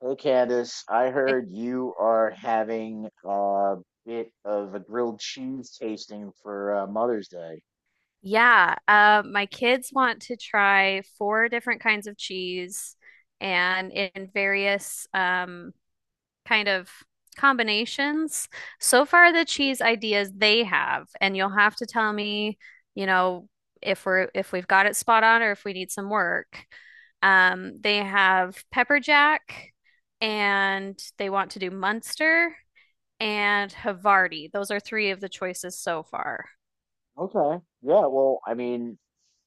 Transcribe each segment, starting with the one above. Hey Candice, I Okay. heard you are having a bit of a grilled cheese tasting for Mother's Day. Yeah, my kids want to try four different kinds of cheese and in various kind of combinations. So far, the cheese ideas they have, and you'll have to tell me, you know, if we're if we've got it spot on or if we need some work. They have pepper jack, and they want to do Munster and Havarti. Those are three of the choices so far. Okay. Yeah, well,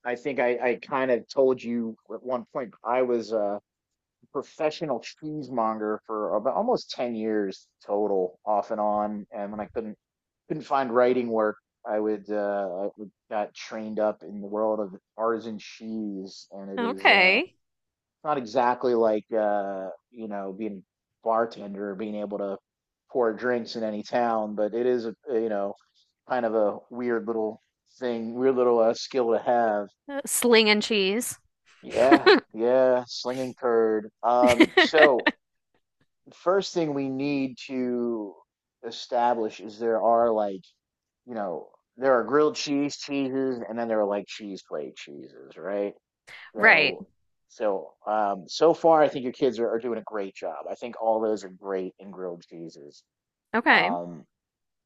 I kind of told you at one point I was a professional cheesemonger for about almost 10 years total, off and on. And when I couldn't find writing work, I would got trained up in the world of artisan cheese, and Okay. it's not exactly like being a bartender or being able to pour drinks in any town, but it is a kind of a weird little thing, weird little skill to have. Sling and cheese. Yeah, yeah, slinging curd. Um, so first thing we need to establish is there are you know, there are grilled cheese cheeses and then there are like cheese plate cheeses, right? Right. So, so so far, I think your kids are doing a great job. I think all those are great in grilled cheeses. Okay. Um,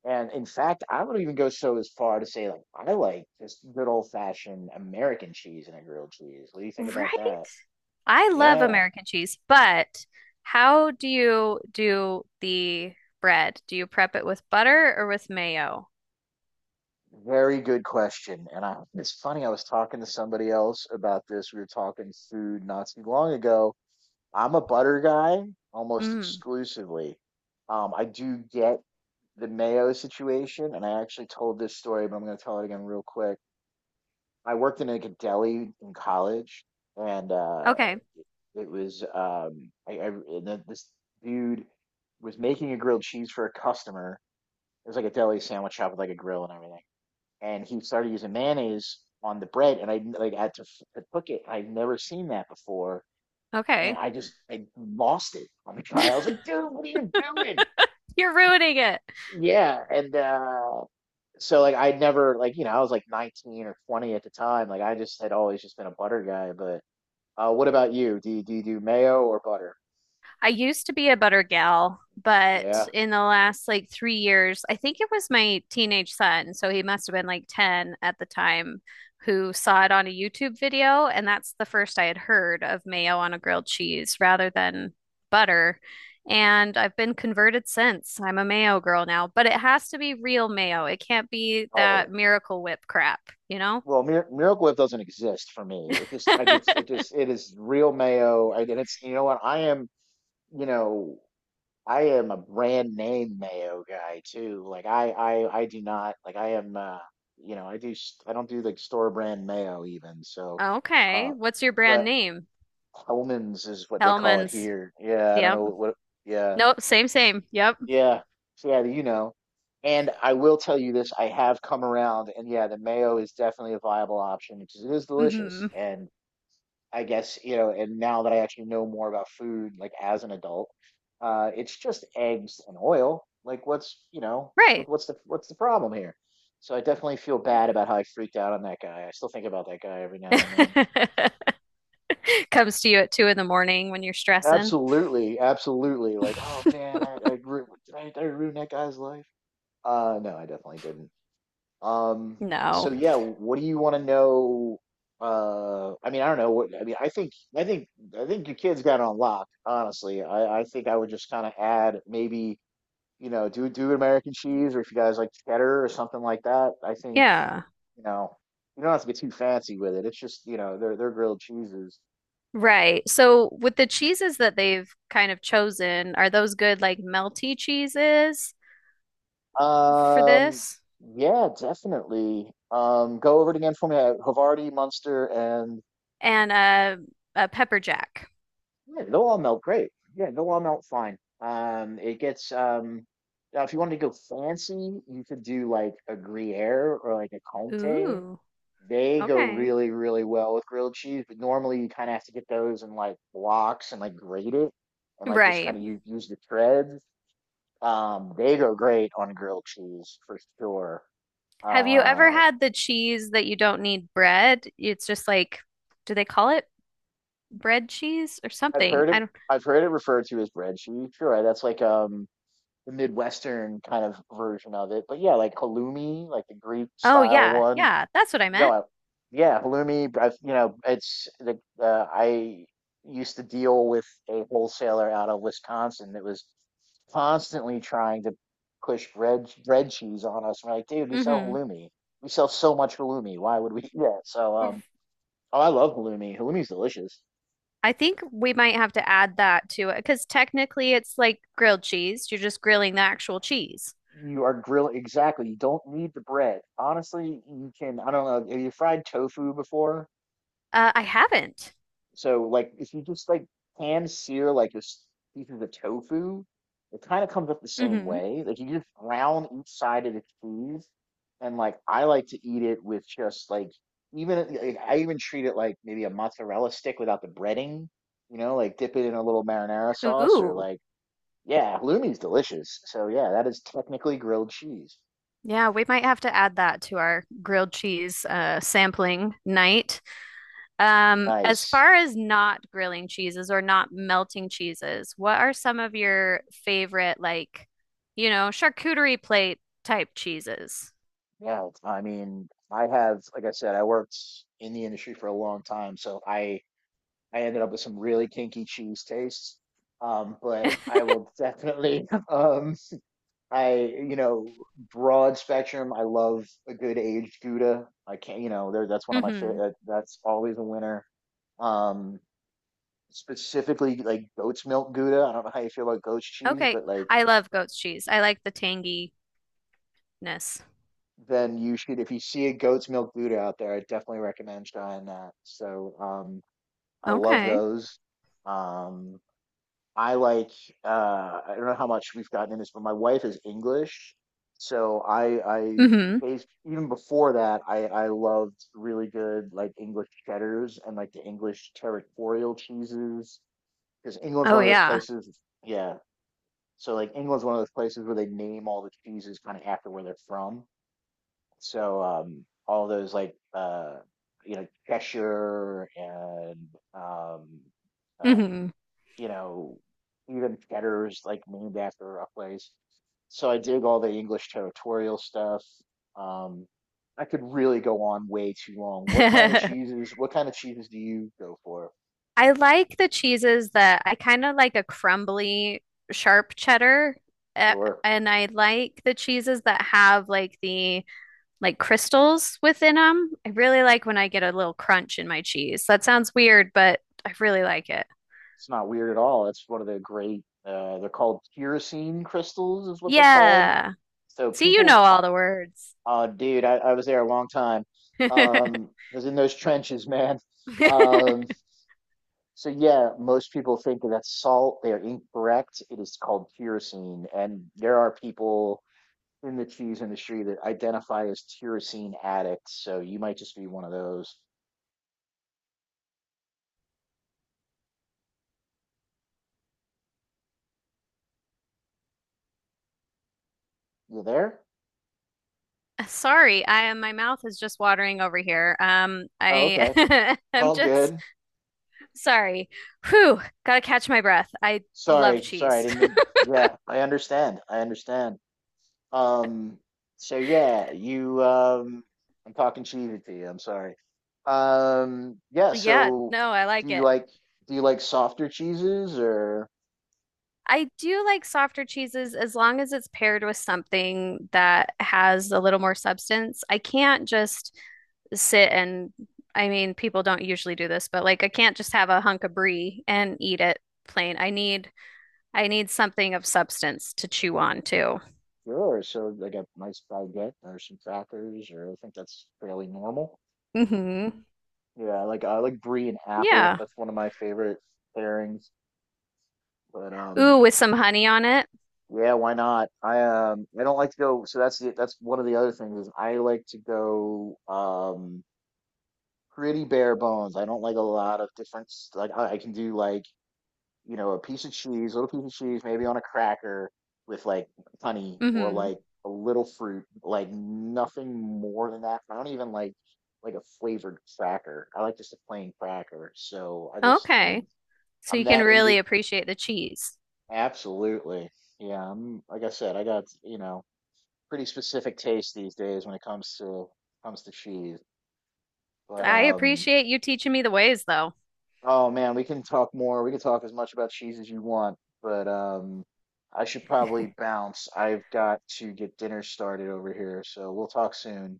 and in fact, I would even go so as far to say, like, I like just good old fashioned American cheese in a grilled cheese. What do you think about Right. that? I love Yeah, American cheese, but how do you do the bread? Do you prep it with butter or with mayo? very good question. It's funny, I was talking to somebody else about this. We were talking food not too long ago. I'm a butter guy almost Mm. exclusively. I do get the Mayo situation, and I actually told this story, but I'm going to tell it again real quick. I worked in like a deli in college, and Okay. it was I and then this dude was making a grilled cheese for a customer. It was like a deli sandwich shop with like a grill and everything, and he started using mayonnaise on the bread, and I like had to, to cook it. I'd never seen that before, and Okay. I lost it on the trial. I was like, "Dude, what are you doing?" You're ruining it. Yeah, and so like I never I was like 19 or 20 at the time. Like I just had always just been a butter guy. But what about you? Do you do mayo or butter? I used to be a butter gal, but Yeah. in the last like 3 years, I think it was my teenage son, so he must have been like 10 at the time, who saw it on a YouTube video. And that's the first I had heard of mayo on a grilled cheese rather than butter. And I've been converted since. I'm a mayo girl now, but it has to be real mayo. It can't be that Oh. Miracle Whip crap, you know? Well, Miracle Whip doesn't exist for me. It is real mayo. And it's you know what I am you know I am a brand name mayo guy too. Like I do not like I am you know I I don't do like store brand mayo even. So Okay. uh What's your brand but name? Hellman's is what they call it Hellman's. here. Yeah, I don't Yep. know what. Yeah, Nope. Same, same. Yep. yeah. So yeah, you know. And I will tell you this: I have come around, and yeah, the mayo is definitely a viable option because it is delicious. Hmm. And I guess and now that I actually know more about food, like as an adult, it's just eggs and oil. Like, Right. What's the problem here? So I definitely feel bad about how I freaked out on that guy. I still think about that guy every now and then. Comes to you at two in the morning when you're stressing. Absolutely, absolutely. Like, oh man, I ru- did I ruin that guy's life? No, I definitely didn't. Um, No. so yeah, what do you want to know? I mean, I don't know what, I mean, I think, I think, I think your kid's got it on lock, honestly. I think I would just kind of add maybe, you know, do American cheese or if you guys like cheddar or something like that. I think, Yeah. you know, you don't have to get too fancy with it. It's just, you know, they're grilled cheeses. Right. So with the cheeses that they've kind of chosen, are those good like melty cheeses for Um, this? yeah, definitely. Go over it again for me. Havarti, Munster, and And a pepper jack. yeah, they'll all melt great. Yeah, they'll all melt fine. It gets now if you wanted to go fancy, you could do like a Gruyere or like a Comté. Ooh, They go okay. really, really well with grilled cheese, but normally you kind of have to get those in like blocks and like grate it and like just kind Right. of use the threads. They go great on grilled cheese for sure. Have you ever Uh, had the cheese that you don't need bread? It's just like, do they call it bread cheese or I've something? heard I it. don't. I've heard it referred to as breadsheet. Sure, that's like the Midwestern kind of version of it. But yeah, like halloumi, like the Greek Oh style yeah, one. yeah, that's what I No, meant. I, yeah, halloumi. I've, you know, it's the I used to deal with a wholesaler out of Wisconsin that was constantly trying to push bread cheese on us. We're like, dude, we sell Mm-hmm. halloumi. We sell so much halloumi. Why would we? Yeah. Oh, I love halloumi. Halloumi's delicious. I think we might have to add that to it because technically it's like grilled cheese. You're just grilling the actual cheese. You are grilling exactly. You don't need the bread. Honestly, you can. I don't know. Have you fried tofu before? I haven't. So, like, if you just like pan sear like this piece of the tofu, it kind of comes up the same Hmm. way. Like, you just brown each side of the cheese, and like I like to eat it with just like even like, I even treat it like maybe a mozzarella stick without the breading. You know, like dip it in a little marinara sauce or Ooh. like yeah, halloumi's delicious. So yeah, that is technically grilled cheese. Yeah, we might have to add that to our grilled cheese sampling night. As Nice. far as not grilling cheeses or not melting cheeses, what are some of your favorite, like, you know, charcuterie plate type cheeses? Yeah, I mean, I have, like I said, I worked in the industry for a long time, so I ended up with some really kinky cheese tastes. But I will definitely, I you know, broad spectrum. I love a good aged Gouda. I can't, you know, there that's one of my Hmm. favorite. That's always a winner. Um, Specifically like goat's milk Gouda. I don't know how you feel about goat's cheese, Okay. but like I love goat's cheese. I like the tanginess. then you should, if you see a goat's milk Buddha out there, I definitely recommend trying that. I love Okay. those. Um, I like, uh, I don't know how much we've gotten in this, but my wife is English. So I, I, Hmm. based, even before that, I loved really good, like English cheddars and like the English territorial cheeses. Because England's Oh one of those yeah. places, yeah. So like England's one of those places where they name all the cheeses kind of after where they're from. All those Cheshire and um, uh, Hmm. you know even Cheddar's like named after a place. So I dig all the English territorial stuff. Um, I could really go on way too long. What kind of cheeses do you go for? I like the cheeses that I kind of like a crumbly, sharp cheddar, uh, Or and I like the cheeses that have like the like crystals within them. I really like when I get a little crunch in my cheese. That sounds weird, but I really like it. it's not weird at all. It's one of the great. They're called tyrosine crystals, is what they're called. Yeah. So See, you know people all the words. Oh, dude, I was there a long time. I was in those trenches, man. Um, so yeah, most people think that that's salt. They are incorrect. It is called tyrosine, and there are people in the cheese industry that identify as tyrosine addicts. So you might just be one of those. You there? Sorry, I my mouth is just watering over here. Um, Oh, okay. It's I I'm all just good. Sorry. Whew, gotta catch my breath. I love Sorry, sorry. I cheese. didn't mean. Yeah, I understand. I understand. Um, so yeah, you I'm talking cheated to you, I'm sorry. Yeah, Yeah, so no, I like do you it. like softer cheeses or I do like softer cheeses as long as it's paired with something that has a little more substance. I can't just sit and, I mean, people don't usually do this, but like I can't just have a hunk of brie and eat it plain. I need something of substance to chew on too. sure, so like a nice baguette or some crackers or I think that's fairly normal. Hmm. Yeah, I like brie and apple. Yeah. That's one of my favorite pairings. But Ooh, with some honey on it. Yeah, why not? I don't like to go so that's that's one of the other things is I like to go pretty bare bones. I don't like a lot of different like I can do like, you know, a piece of cheese, little piece of cheese, maybe on a cracker with like honey or Hmm. like a little fruit, like nothing more than that. I don't even like a flavored cracker. I like just a plain cracker. Okay. So I'm you can that into really appreciate the cheese. absolutely. Yeah, I'm like I said, I got, you know, pretty specific taste these days when it comes to cheese. But I um appreciate you teaching me the ways, though. Oh man, we can talk more. We can talk as much about cheese as you want, but I should probably bounce. I've got to get dinner started over here, so we'll talk soon.